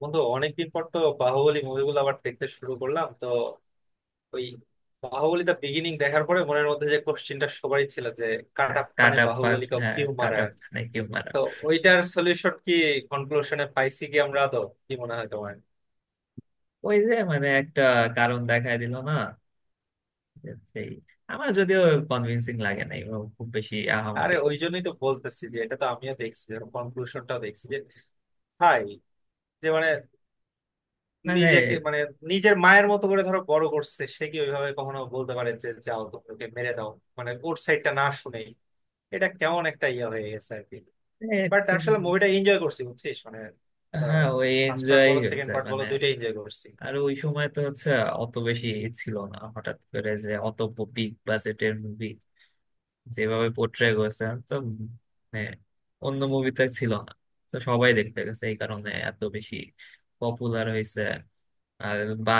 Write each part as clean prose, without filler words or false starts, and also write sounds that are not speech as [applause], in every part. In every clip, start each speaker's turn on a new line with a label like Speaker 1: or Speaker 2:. Speaker 1: বন্ধু, অনেকদিন পর তো বাহুবলী মুভিগুলো আবার দেখতে শুরু করলাম তো ওই, বাহুবলী দা বিগিনিং দেখার পরে মনের মধ্যে যে কোশ্চিনটা সবারই ছিল যে
Speaker 2: কাট
Speaker 1: কাটাপ্পানে
Speaker 2: আপ পাক,
Speaker 1: বাহুবলী কাউ
Speaker 2: হ্যাঁ,
Speaker 1: কিউ
Speaker 2: কাট
Speaker 1: মারা।
Speaker 2: আপ নাকি মারা।
Speaker 1: তো ওইটার সলিউশন কি কনক্লুশনে পাইছি কি আমরা? তো কি মনে হয় তোমার?
Speaker 2: ওই যে মানে একটা কারণ দেখায় দিল না যে সেই, আমার যদিও কনভিন্সিং লাগে নাই ও খুব বেশি
Speaker 1: আরে
Speaker 2: আহামরি
Speaker 1: ওই জন্যই তো বলতেছি যে এটা তো আমিও দেখছি, কনক্লুশনটাও দেখছি যে ভাই, যে মানে
Speaker 2: মানে।
Speaker 1: নিজেকে মানে নিজের মায়ের মতো করে ধরো বড় করছে, সে কি ওইভাবে কখনো বলতে পারে যে যাও তোমাকে মেরে দাও? মানে ওর সাইডটা না শুনেই এটা কেমন একটা ইয়ে হয়ে গেছে আর কি।
Speaker 2: এ,
Speaker 1: বাট আসলে
Speaker 2: খুব-
Speaker 1: মুভিটা এনজয় করছি, বুঝছিস মানে
Speaker 2: হ্যাঁ ওই
Speaker 1: ফার্স্ট পার্ট
Speaker 2: এনজয়
Speaker 1: বলো
Speaker 2: হয়েছে
Speaker 1: সেকেন্ড পার্ট বলো
Speaker 2: মানে।
Speaker 1: দুইটাই এনজয় করছি।
Speaker 2: আর ওই সময় তো হচ্ছে অত বেশি ছিল না, হঠাৎ করে যে অত বিগ বাজেটের মুভি যেভাবে পোর্ট্রে করেছে, তো মানে অন্য মুভিতে ছিল না, তো সবাই দেখতে গেছে এই কারণে এত বেশি পপুলার হয়েছে। আর বা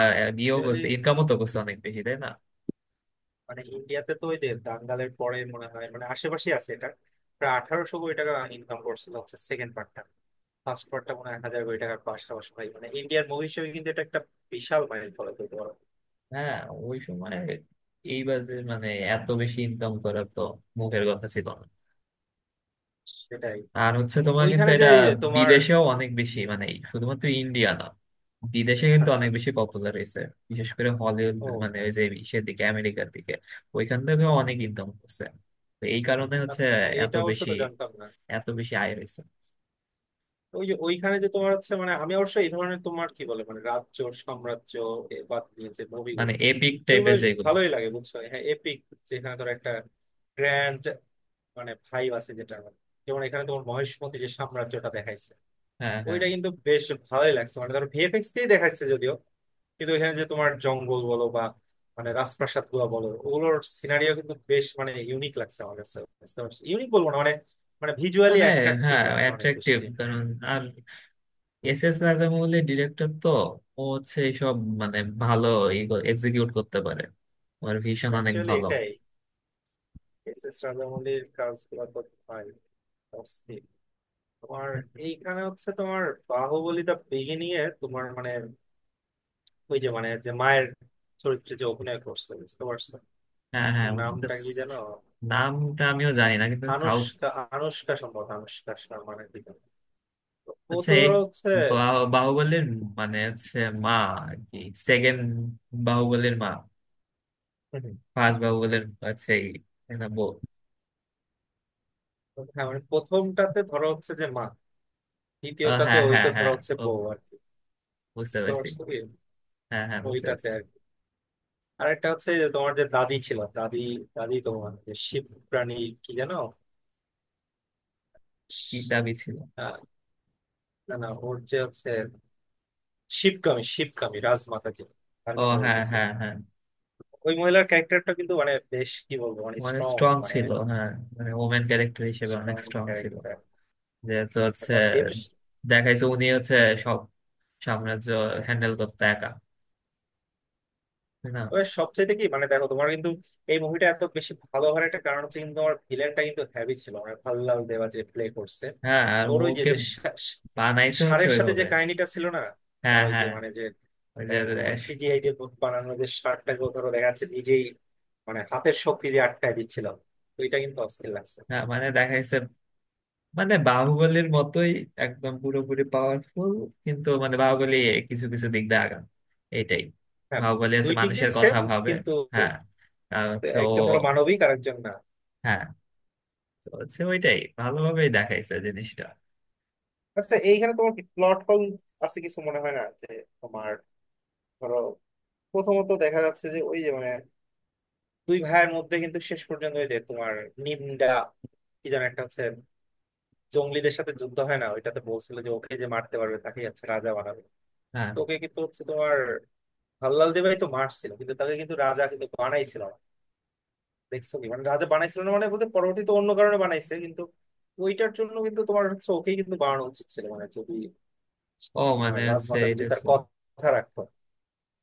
Speaker 2: ইয়েও করছে,
Speaker 1: Actually,
Speaker 2: ইনকামও তো করছে অনেক বেশি, তাই না?
Speaker 1: মানে ইন্ডিয়াতে তো ওই যে দাঙ্গালের পরে মনে হয়, মানে আশেপাশে আছে এটা, প্রায় 1800 কোটি টাকা ইনকাম করছিল হচ্ছে সেকেন্ড পার্টটা। ফার্স্ট পার্টটা মনে হয় 1000 কোটি টাকার পাশাপাশি। ভাই মানে ইন্ডিয়ার মুভি হিসেবে কিন্তু এটা একটা বিশাল মাইল ফলক হতে পারো।
Speaker 2: হ্যাঁ, ওই সময় এইবার যে মানে এত বেশি ইনকাম করা তো মুখের কথা ছিল না।
Speaker 1: সেটাই।
Speaker 2: আর হচ্ছে তোমার কিন্তু
Speaker 1: ওইখানে যে
Speaker 2: এটা
Speaker 1: এই যে তোমার
Speaker 2: বিদেশেও অনেক বেশি, মানে এই শুধুমাত্র ইন্ডিয়া না, বিদেশে কিন্তু
Speaker 1: আচ্ছা
Speaker 2: অনেক বেশি পপুলার হয়েছে, বিশেষ করে হলিউড।
Speaker 1: ও,
Speaker 2: মানে ওই যে ইসের দিকে, আমেরিকার দিকে, ওইখান থেকেও অনেক ইনকাম করছে। তো এই কারণে হচ্ছে
Speaker 1: আচ্ছা আচ্ছা,
Speaker 2: এত
Speaker 1: এটা অবশ্য
Speaker 2: বেশি,
Speaker 1: তো জানতাম না।
Speaker 2: এত বেশি আয় হয়েছে।
Speaker 1: ওই যে ওইখানে যে তোমার হচ্ছে মানে আমি অবশ্য এই ধরনের তোমার কি বলে মানে রাজ্য, সাম্রাজ্য এ বা নিয়ে যে
Speaker 2: মানে
Speaker 1: মুভিগুলো
Speaker 2: এপিক
Speaker 1: এগুলো
Speaker 2: টাইপের
Speaker 1: বেশ
Speaker 2: যেগুলো।
Speaker 1: ভালোই লাগে, বুঝছো। হ্যাঁ, এপিক, যেখানে ধর একটা গ্র্যান্ড মানে ভাইব আছে, যেটা মানে যেমন এখানে তোমার মহেশমতি যে সাম্রাজ্যটা দেখাইছে
Speaker 2: হ্যাঁ হ্যাঁ।
Speaker 1: ওইটা কিন্তু বেশ ভালোই লাগছে। মানে ধর ভিএফএক্স দিয়ে দেখাইছে যদিও, কিন্তু এখানে যে তোমার জঙ্গল বলো বা মানে রাজপ্রাসাদ গুলো বলো, ওগুলোর সিনারিও কিন্তু বেশ মানে ইউনিক লাগছে আমার কাছে। ইউনিক বলবো না মানে, মানে ভিজুয়ালি
Speaker 2: মানে
Speaker 1: অ্যাট্রাকটিভ
Speaker 2: হ্যাঁ,
Speaker 1: লাগছে অনেক
Speaker 2: অ্যাট্রাকটিভ
Speaker 1: বেশি।
Speaker 2: কারণ, আর এস এস রাজামৌলি ডিরেক্টর তো, ও হচ্ছে এইসব মানে ভালো এক্সিকিউট করতে পারে, ওর ভিশন অনেক
Speaker 1: অ্যাকচুয়ালি
Speaker 2: ভালো।
Speaker 1: এটাই, এস এস রাজামৌলির কাজগুলো তো ভাই অস্থির। তোমার এইখানে হচ্ছে তোমার বাহুবলী দা বিগিনিং এ তোমার মানে ওই যে মানে যে মায়ের চরিত্রে যে অভিনয় করছে, বুঝতে পারছো?
Speaker 2: হ্যাঁ
Speaker 1: ওর
Speaker 2: হ্যাঁ। ওটা
Speaker 1: নামটা
Speaker 2: স-
Speaker 1: কি যেন,
Speaker 2: নামটা আমিও জানি না, কিন্তু সাউথ।
Speaker 1: আনুষ্কা, আনুষ্কা সম্ভবত আনুষ্কা শর্মা নাকি যেন। তো ও
Speaker 2: আচ্ছা,
Speaker 1: তো
Speaker 2: এই
Speaker 1: ধরো হচ্ছে
Speaker 2: বাহুবলীর মানে হচ্ছে মা আর কি, সেকেন্ড বাহুবলীর মা।
Speaker 1: হুম হুম।
Speaker 2: ফার্স্ট বাহুবলীর হচ্ছে এই, তাই না, বউ?
Speaker 1: হ্যাঁ মানে প্রথমটাতে ধরো হচ্ছে যে মা,
Speaker 2: ও,
Speaker 1: দ্বিতীয়টাতে
Speaker 2: হ্যাঁ
Speaker 1: ওই
Speaker 2: হ্যাঁ
Speaker 1: তো
Speaker 2: হ্যাঁ,
Speaker 1: ধরো হচ্ছে
Speaker 2: ও,
Speaker 1: বউ আর কি।
Speaker 2: বুঝতে
Speaker 1: বুঝতে
Speaker 2: পারছি।
Speaker 1: পারছো কি?
Speaker 2: হ্যাঁ হ্যাঁ, বুঝতে
Speaker 1: ওইটাতে
Speaker 2: পারছি।
Speaker 1: আর কি আরেকটা হচ্ছে যে তোমার যে দাদি ছিল দাদি দাদি তোমার যে শিব প্রাণী কি যেন,
Speaker 2: কি দাবি ছিল?
Speaker 1: আহ, না না, ওর যে হচ্ছে শিবকামী শিবকামী রাজমাতা, যে তার
Speaker 2: ও
Speaker 1: কথা
Speaker 2: হ্যাঁ
Speaker 1: বলতেছি
Speaker 2: হ্যাঁ
Speaker 1: আমি।
Speaker 2: হ্যাঁ।
Speaker 1: ওই মহিলার ক্যারেক্টারটা কিন্তু মানে বেশ কি বলবো মানে
Speaker 2: মানে
Speaker 1: স্ট্রং,
Speaker 2: স্ট্রং
Speaker 1: মানে
Speaker 2: ছিল, হ্যাঁ। মানে ওমেন ক্যারেক্টার হিসেবে অনেক
Speaker 1: স্ট্রং
Speaker 2: স্ট্রং ছিল,
Speaker 1: ক্যারেক্টার।
Speaker 2: যেহেতু হচ্ছে
Speaker 1: তারপর দেব,
Speaker 2: দেখাইছে উনি হচ্ছে সব সাম্রাজ্য হ্যান্ডেল করতে একা, তাই না?
Speaker 1: তবে সবচেয়ে কি মানে দেখো তোমার কিন্তু এই মুভিটা এত বেশি ভালো হওয়ার একটা কারণ হচ্ছে কিন্তু তোমার ভিলেনটা কিন্তু হেভি ছিল, মানে ভাল্লাল দেওয়া যে প্লে করছে।
Speaker 2: হ্যাঁ, আর
Speaker 1: ওর ওই যে
Speaker 2: ওকে
Speaker 1: যে সা- সা-
Speaker 2: বানাইছে হচ্ছে
Speaker 1: ষাঁড়ের সাথে যে
Speaker 2: ওইভাবে।
Speaker 1: কাহিনীটা ছিল না,
Speaker 2: হ্যাঁ
Speaker 1: তোমার ওই যে
Speaker 2: হ্যাঁ,
Speaker 1: মানে যে
Speaker 2: ওই যে
Speaker 1: দেখা যাচ্ছে তোমার
Speaker 2: রেশ।
Speaker 1: সিজিআই দিয়ে বানানো যে ষাঁড়টাকে ও ধরো দেখা যাচ্ছে নিজেই মানে হাতের শক্তি দিয়ে আটকায় দিচ্ছিল, তো এটা কিন্তু অস্থির লাগছে।
Speaker 2: হ্যাঁ মানে দেখাইছে মানে বাহুবলীর মতোই একদম পুরোপুরি পাওয়ারফুল, কিন্তু মানে বাহুবলী কিছু কিছু দিক দিয়ে আগাম, এইটাই।
Speaker 1: হ্যাঁ,
Speaker 2: বাহুবলী হচ্ছে
Speaker 1: দুই দিক দিয়ে
Speaker 2: মানুষের কথা
Speaker 1: সেম,
Speaker 2: ভাবে।
Speaker 1: কিন্তু
Speaker 2: হ্যাঁ, আর হচ্ছে ও।
Speaker 1: একজন ধরো মানবিক আর একজন না।
Speaker 2: হ্যাঁ, তো হচ্ছে ওইটাই ভালোভাবেই দেখাইছে জিনিসটা।
Speaker 1: আচ্ছা, এইখানে তোমার প্লট হোল আছে কিছু মনে হয় না? যে তোমার ধরো প্রথমত দেখা যাচ্ছে যে ওই যে মানে দুই ভাইয়ের মধ্যে কিন্তু শেষ পর্যন্ত ওই যে তোমার নিমডা কি যেন একটা হচ্ছে জঙ্গলিদের সাথে যুদ্ধ হয় না, ওইটাতে বলছিল যে ওকে যে মারতে পারবে তাকে হচ্ছে রাজা বানাবে।
Speaker 2: হ্যাঁ,
Speaker 1: তো ওকে কিন্তু হচ্ছে তোমার হাল্লাল দেবাই তো মারছিল, কিন্তু তাকে কিন্তু রাজা কিন্তু বানাইছিল না। দেখছো কি মানে রাজা বানাইছিল না মানে বলতে, পরবর্তীতে অন্য কারণে বানাইছে কিন্তু ওইটার জন্য কিন্তু তোমার হচ্ছে ওকেই কিন্তু বানানো উচিত ছিল, মানে যদি
Speaker 2: ও
Speaker 1: তোমার
Speaker 2: মানে হচ্ছে
Speaker 1: রাজমাতা যদি
Speaker 2: এটা
Speaker 1: তার
Speaker 2: ছিল
Speaker 1: কথা রাখতো।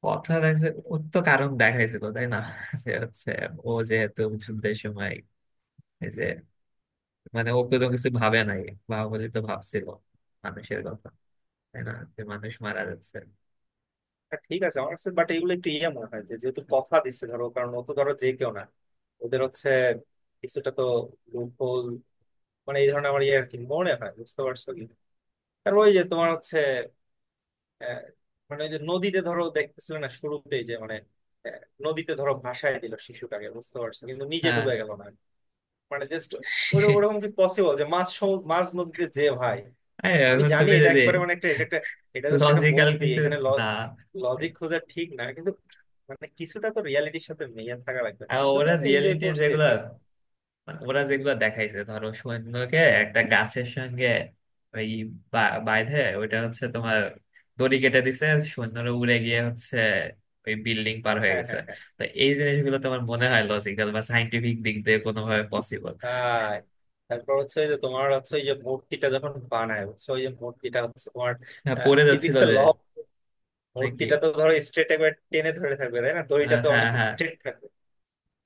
Speaker 2: কথা দেখছে, ওর তো কারণ দেখাইছিল তাই না [laughs] যে হচ্ছে ও যেহেতু যুদ্ধের সময় এই যে মানে ও কোনো কিছু ভাবে নাই, বাহুবলী তো ভাবছিল মানুষের কথা, তাই না, যে মানুষ মারা যাচ্ছে।
Speaker 1: হ্যাঁ, ঠিক আছে, আমার কাছে বাট এগুলো একটু ইয়ে মনে হয় যে যেহেতু কথা দিচ্ছে ধরো, কারণ ও তো ধরো যে কেউ না, ওদের হচ্ছে কিছুটা তো লুপ হোল, মানে এই ধরনের আমার ইয়ে আর কি মনে হয়, বুঝতে পারছো কি? আর ওই যে তোমার হচ্ছে আহ, মানে ওই যে নদীতে ধরো দেখতেছিলে না, শুরুতেই যে মানে আহ, নদীতে ধরো ভাসায় দিল শিশুটাকে, বুঝতে পারছো, কিন্তু নিজে
Speaker 2: হ্যাঁ,
Speaker 1: ডুবে গেল না। মানে জাস্ট ওরকম কি পসিবল যে মাছ নদীতে যে ভাই।
Speaker 2: আর
Speaker 1: আমি
Speaker 2: এখন
Speaker 1: জানি
Speaker 2: তুমি
Speaker 1: এটা
Speaker 2: যদি
Speaker 1: একবারে মানে একটা, এটা একটা এটা জাস্ট একটা
Speaker 2: লজিক্যাল
Speaker 1: মুভি,
Speaker 2: কিছু,
Speaker 1: এখানে
Speaker 2: না।
Speaker 1: লজিক খোঁজা ঠিক না, কিন্তু মানে কিছুটা তো রিয়ালিটির সাথে মিলিয়ে থাকা লাগবে না
Speaker 2: আর
Speaker 1: যদি
Speaker 2: ওরা
Speaker 1: আমরা এনজয়
Speaker 2: রিয়েলিটি
Speaker 1: করছি আর
Speaker 2: যেগুলো,
Speaker 1: কি।
Speaker 2: মানে ওরা যেগুলো দেখাইছে ধরো সৈন্যকে একটা গাছের সঙ্গে ওই বাইধে ওইটা হচ্ছে তোমার দড়ি কেটে দিছে, সৈন্যরা উড়ে গিয়ে হচ্ছে ওই বিল্ডিং পার হয়ে
Speaker 1: হ্যাঁ
Speaker 2: গেছে।
Speaker 1: হ্যাঁ হ্যাঁ।
Speaker 2: তো এই জিনিসগুলো তোমার মনে হয় লজিক্যাল বা সাইন্টিফিক দিক দিয়ে কোনোভাবে পসিবল?
Speaker 1: আর তারপর হচ্ছে ওই যে তোমার হচ্ছে ওই যে মূর্তিটা যখন বানায়, হচ্ছে ওই যে মূর্তিটা হচ্ছে তোমার
Speaker 2: হ্যাঁ পড়ে যাচ্ছিল
Speaker 1: ফিজিক্সের
Speaker 2: যে
Speaker 1: ল,
Speaker 2: নাকি?
Speaker 1: মূর্তিটা তো ধরো স্ট্রেট একবার টেনে ধরে থাকবে তাই না, দড়িটা
Speaker 2: আহ,
Speaker 1: তো
Speaker 2: হ্যাঁ
Speaker 1: অনেক
Speaker 2: হ্যাঁ
Speaker 1: স্ট্রেট থাকবে।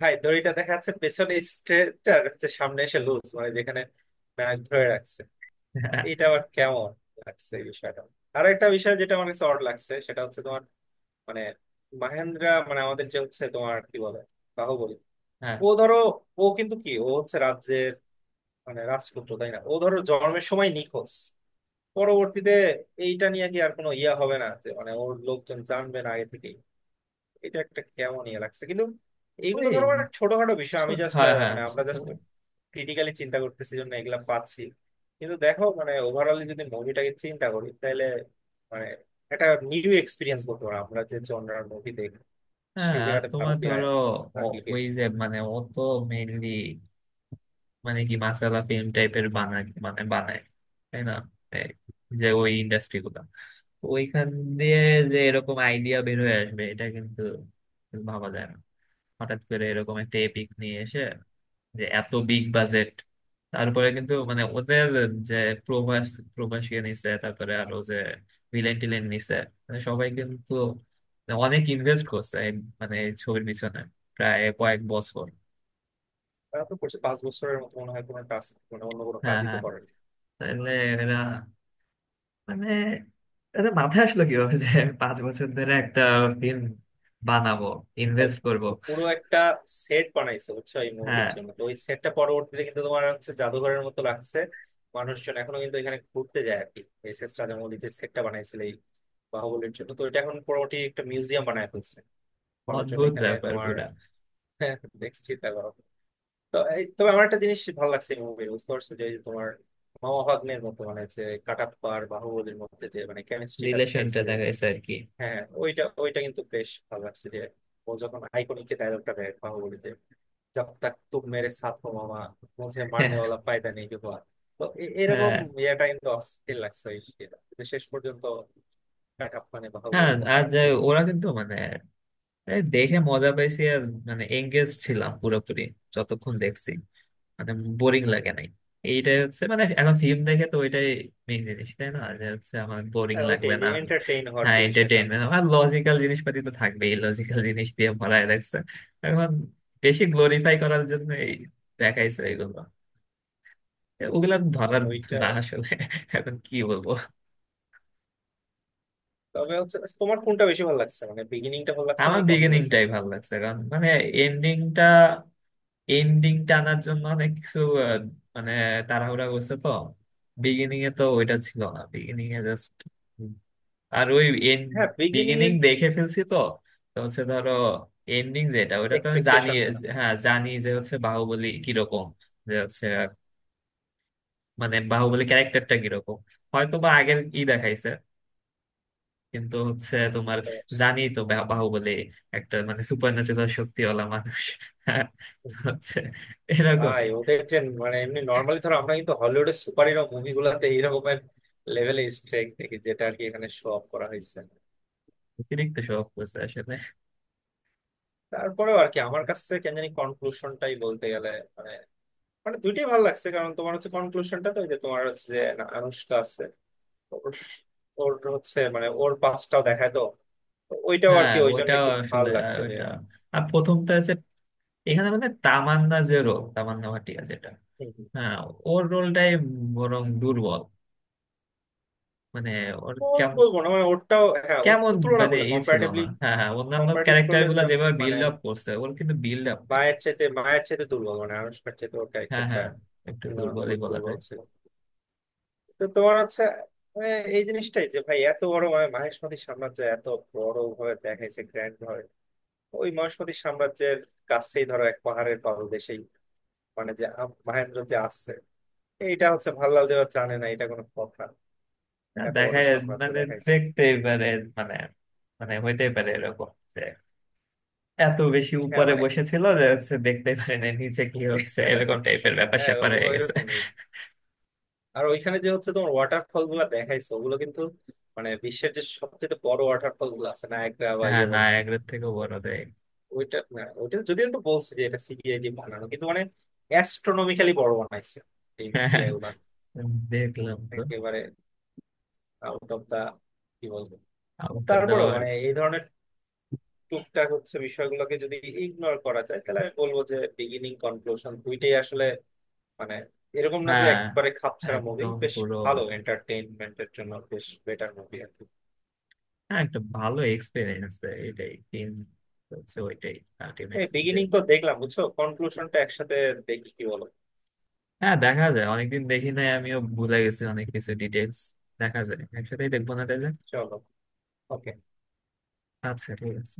Speaker 1: ভাই দড়িটা দেখা যাচ্ছে পেছনে স্ট্রেট আর হচ্ছে সামনে এসে লুজ, মানে যেখানে নাক ধরে রাখছে।
Speaker 2: হ্যাঁ।
Speaker 1: এটা আবার কেমন লাগছে এই বিষয়টা। আর একটা বিষয় যেটা আমার কাছে অড লাগছে সেটা হচ্ছে তোমার মানে মাহেন্দ্রা, মানে আমাদের যে হচ্ছে তোমার কি বলে বাহুবলী,
Speaker 2: হ্যাঁ।
Speaker 1: ও ধরো ও কিন্তু কি ও হচ্ছে রাজ্যের মানে রাজপুত্র তাই না, ও ধরো জন্মের সময় নিখোঁজ। পরবর্তীতে এইটা নিয়ে কি আর কোনো ইয়া হবে না যে মানে ওর লোকজন জানবে না আগে থেকেই? এটা একটা কেমন ইয়ে লাগছে কিন্তু। এইগুলো
Speaker 2: ওই
Speaker 1: ধরো মানে ছোটখাটো বিষয়, আমি
Speaker 2: ছোট,
Speaker 1: জাস্ট
Speaker 2: হ্যাঁ হ্যাঁ
Speaker 1: মানে আমরা
Speaker 2: ছোট।
Speaker 1: ক্রিটিক্যালি চিন্তা করতেছি জন্য এগুলা পাচ্ছি, কিন্তু দেখো মানে ওভারঅলি যদি মুভিটাকে চিন্তা করি তাহলে মানে একটা নিউ এক্সপিরিয়েন্স বলতে পারো। আমরা যে জনরার মুভি দেখি
Speaker 2: হ্যাঁ,
Speaker 1: সেই
Speaker 2: আর
Speaker 1: জায়গাতে
Speaker 2: তোমার
Speaker 1: ভারতীয়
Speaker 2: ধরো ও-
Speaker 1: আঙ্গিকে।
Speaker 2: ওই যে মানে ও তো মেইনলি মানে কি মাসালা ফিল্ম টাইপের বানায় তাই না এই যে ওই ইন্ডাস্ট্রি গুলা, তো ওইখান দিয়ে যে এরকম আইডিয়া বের হয়ে আসবে এটা কিন্তু ভাবা যায় না। হঠাৎ করে এরকম একটা এপিক নিয়ে এসে যে এত বিগ বাজেট, তারপরে কিন্তু মানে ওদের যে প্রভাস, প্রভাসকে নিছে, তারপরে আরো যে ভিলেন টিলেন নিছে, মানে সবাই কিন্তু অনেক ইনভেস্ট করছে এই মানে এই ছবির পিছনে প্রায় কয়েক বছর।
Speaker 1: তারা তো করছে 5 বছরের মতো মনে হয় কোনো কাজ, মানে অন্য কোনো
Speaker 2: হ্যাঁ
Speaker 1: কাজই তো
Speaker 2: হ্যাঁ,
Speaker 1: করেন।
Speaker 2: তাহলে এরা মানে এদের মাথায় আসলো কিভাবে যে আমি 5 বছর ধরে একটা ফিল্ম বানাবো,
Speaker 1: তাই,
Speaker 2: ইনভেস্ট করব।
Speaker 1: পুরো একটা সেট বানাইছে, বুঝছো, এই মুভির
Speaker 2: হ্যাঁ,
Speaker 1: জন্য। তো ওই সেটটা পরবর্তীতে কিন্তু তোমার হচ্ছে জাদুঘরের মতো লাগছে, মানুষজন এখনো কিন্তু এখানে ঘুরতে যায় আর কি। এস এস রাজামৌলি যে সেটটা বানাইছিল এই বাহুবলীর জন্য, তো এটা এখন মোটামুটি একটা মিউজিয়াম বানায় ফেলছে, মানুষজন
Speaker 2: অদ্ভুত
Speaker 1: এখানে
Speaker 2: ব্যাপার
Speaker 1: তোমার
Speaker 2: পুরা।
Speaker 1: [laughs] নেক্সট চিন্তা করো। তো এই তবে আমার একটা জিনিস ভালো লাগছে মুভি, বুঝতে পারছো, যে এই যে তোমার মামা ভাগ্নের মতো মানে যে কাটাপ্পা আর বাহুবলীর মধ্যে যে মানে কেমিস্ট্রিটা
Speaker 2: রিলেশনটা
Speaker 1: দেখাইছে যে,
Speaker 2: দেখা গেছে আর কি।
Speaker 1: হ্যাঁ হ্যাঁ, ওইটা ওইটা কিন্তু বেশ ভালো লাগছে। যে ও যখন আইকনিক যে ডায়লগটা দেয় বাহুবলীতে, "জব তক তুম মেরে সাথ হো মামা, মুঝে মারনে
Speaker 2: হ্যাঁ
Speaker 1: ওয়ালা পায়দা নেই হুয়া।" তো এরকম
Speaker 2: হ্যাঁ
Speaker 1: ইয়েটা কিন্তু অস্থির লাগছে ওই ইয়েটা। তো শেষ পর্যন্ত কাটাপ্পানে
Speaker 2: হ্যাঁ,
Speaker 1: বাহুবলী
Speaker 2: আর
Speaker 1: মার
Speaker 2: যে
Speaker 1: দিল।
Speaker 2: ওরা কিন্তু মানে এই দেখে মজা পাইছি, আর মানে এঙ্গেজ ছিলাম পুরোপুরি যতক্ষণ দেখছি, মানে বোরিং লাগে নাই। এইটাই হচ্ছে মানে এখন ফিল্ম দেখে তো ওইটাই মেইন জিনিস, তাই না, যে হচ্ছে আমার বোরিং
Speaker 1: হ্যাঁ
Speaker 2: লাগবে
Speaker 1: ওইটাই,
Speaker 2: না
Speaker 1: যে
Speaker 2: আমি।
Speaker 1: এন্টারটেইন হওয়ার
Speaker 2: হ্যাঁ
Speaker 1: যে বিষয়টা।
Speaker 2: এন্টারটেইনমেন্ট, আমার লজিক্যাল জিনিসপাতি তো থাকবেই, লজিক্যাল জিনিস দিয়ে ভরায় রাখছে এখন, বেশি গ্লোরিফাই করার জন্য এই দেখাইছে এগুলো, ওগুলা ধরার
Speaker 1: ওইটা।
Speaker 2: না আসলে এখন কি বলবো।
Speaker 1: তবে হচ্ছে তোমার কোনটা বেশি ভালো লাগছে মানে বিগিনিংটা ভালো লাগছে না
Speaker 2: আমার
Speaker 1: এই কনক্লুশন?
Speaker 2: বিগিনিংটাই ভালো লাগছে, কারণ মানে এন্ডিংটা, এন্ডিং টানার জন্য অনেক কিছু আহ, মানে তাড়াহুড়া করছে তো। বিগিনিং এ তো ওইটা ছিল না, বিগিনিং এ জাস্ট আর ওই এন্ড,
Speaker 1: হ্যাঁ বিগিনিং
Speaker 2: বিগিনিং
Speaker 1: এর
Speaker 2: দেখে ফেলছি তো, তো হচ্ছে ধরো এন্ডিং যেটা ওইটা তো আমি জানি।
Speaker 1: এক্সপেকটেশনটা।
Speaker 2: হ্যাঁ জানি যে হচ্ছে বাহুবলী কিরকম, যে হচ্ছে মানে বাহুবলী ক্যারেক্টারটা কিরকম হয়তো বা আগের ই দেখাইছে, কিন্তু হচ্ছে তোমার জানি তো বাহুবলী একটা মানে সুপার ন্যাচুরাল শক্তিওয়ালা মানুষ। [laughs] হ্যাঁ, তো হচ্ছে
Speaker 1: ভাই
Speaker 2: এরকমই।
Speaker 1: ওদের যে মানে এমনি নর্মালি ধরো আমরা কিন্তু হলিউডের সুপার হিরো মুভিগুলোতে এইরকমের লেভেলে স্ট্রেক দেখি, যেটা আর কি এখানে শো অফ করা হয়েছে।
Speaker 2: অতিরিক্ত শখ করছে আসলে।
Speaker 1: তারপরেও আর কি আমার কাছে কেন জানি কনক্লুশনটাই বলতে গেলে মানে, মানে দুইটাই ভালো লাগছে, কারণ তোমার হচ্ছে কনক্লুশনটা তো ওই যে তোমার হচ্ছে যে না, আনুশকা আছে ওর, ওর হচ্ছে মানে ওর পাশটাও দেখায় তো, তো ওইটাও আর
Speaker 2: হ্যাঁ
Speaker 1: কি ওই জন্য
Speaker 2: ওইটাও
Speaker 1: একটু
Speaker 2: আসলে
Speaker 1: ভালো
Speaker 2: আহ,
Speaker 1: লাগছে যে,
Speaker 2: ওইটা। আর প্রথমটা হচ্ছে এখানে মানে তামান্না যে রোল, তামান্না ভাটিয়া যেটা।
Speaker 1: হুম, হুম।
Speaker 2: হ্যাঁ, ওর রোলটাই বরং দুর্বল, মানে ওর কেমন,
Speaker 1: বলবো না মানে ওরটাও, হ্যাঁ ওর
Speaker 2: কেমন
Speaker 1: তো তুলনা
Speaker 2: মানে
Speaker 1: করলে
Speaker 2: এ ছিল
Speaker 1: কম্পারেটিভলি,
Speaker 2: না। হ্যাঁ হ্যাঁ, অন্যান্য
Speaker 1: কম্পারেটিভ
Speaker 2: ক্যারেক্টার
Speaker 1: করলে যে
Speaker 2: গুলা যেভাবে
Speaker 1: মানে
Speaker 2: বিল্ড আপ করছে ওর কিন্তু বিল্ড আপ নেই।
Speaker 1: মায়ের চাইতে দুর্বল, মানে আনুষ্কার চাইতে ওর
Speaker 2: হ্যাঁ
Speaker 1: ক্যারেক্টারটা
Speaker 2: হ্যাঁ, একটু দুর্বলই
Speaker 1: তুলনামূলক
Speaker 2: বলা
Speaker 1: দুর্বল
Speaker 2: যায়।
Speaker 1: ছিল। তো তোমার হচ্ছে মানে এই জিনিসটাই যে ভাই এত বড় মানে মহেশমতি সাম্রাজ্য এত বড় ভাবে দেখাইছে গ্র্যান্ড ভাবে, ওই মহেশমতি সাম্রাজ্যের কাছেই ধরো এক পাহাড়ের পাদদেশেই মানে যে মহেন্দ্র যে আসছে, এইটা হচ্ছে ভাল্লাল দেওয়া জানে না, এটা কোনো কথা? এত বড়
Speaker 2: দেখা
Speaker 1: সাম্রাজ্য
Speaker 2: মানে
Speaker 1: দেখাইছে।
Speaker 2: দেখতেই পারে, মানে মানে হইতেই পারে এরকম, এত বেশি
Speaker 1: হ্যাঁ
Speaker 2: উপরে
Speaker 1: মানে
Speaker 2: বসেছিল যে হচ্ছে দেখতে পারে না নিচে কি হচ্ছে, এরকম
Speaker 1: [laughs]
Speaker 2: টাইপের ব্যাপার
Speaker 1: হ্যাঁ,
Speaker 2: স্যাপার হয়ে
Speaker 1: ওই
Speaker 2: গেছে।
Speaker 1: রকমই। আর ওইখানে যে হচ্ছে তোমার ওয়াটারফল গুলা দেখাইছে ওগুলো কিন্তু মানে বিশ্বের যে সবচেয়ে বড় ওয়াটারফল গুলো আছে নায়াগ্রা বা
Speaker 2: হ্যাঁ,
Speaker 1: ইয়ে বলো,
Speaker 2: নায়াগ্রার থেকেও
Speaker 1: ও-
Speaker 2: বড় দেখ।
Speaker 1: ওইটা না, ওইটা যদিও তো বলছে যে এটা সিজিআই দিয়ে বানানো, কিন্তু মানে অ্যাস্ট্রোনমিক্যালি বড় বানাইছে এই
Speaker 2: হ্যাঁ,
Speaker 1: ইয়ে গুলা,
Speaker 2: দেখলাম তো।
Speaker 1: একেবারে আউট অফ দা কি বলবো।
Speaker 2: আউট অফ দা
Speaker 1: তারপরেও
Speaker 2: ওয়ার্ল্ড।
Speaker 1: মানে এই ধরনের টুকটাক হচ্ছে বিষয়গুলোকে যদি ইগনোর করা যায় তাহলে আমি বলবো যে বিগিনিং কনক্লুশন দুইটাই আসলে মানে এরকম না যে
Speaker 2: হ্যাঁ,
Speaker 1: একবারে খাপছাড়া মুভি,
Speaker 2: একদম
Speaker 1: বেশ
Speaker 2: পুরো।
Speaker 1: ভালো এন্টারটেইনমেন্টের জন্য বেশ বেটার মুভি আর কি।
Speaker 2: হ্যাঁ একটা ভালো এক্সপিরিয়েন্স, এটাই তিন, হচ্ছে ওইটাই
Speaker 1: এই
Speaker 2: আলটিমেটলি যে।
Speaker 1: বিগিনিং তো দেখলাম, বুঝছো, কনক্লুশনটা একসাথে দেখি, কি বলো?
Speaker 2: হ্যাঁ দেখা যায়, অনেকদিন দেখি নাই, আমিও ভুলে গেছি অনেক কিছু ডিটেলস। দেখা যায় একসাথেই দেখবো না তাহলে।
Speaker 1: চলো, ওকে।
Speaker 2: আচ্ছা ঠিক আছে।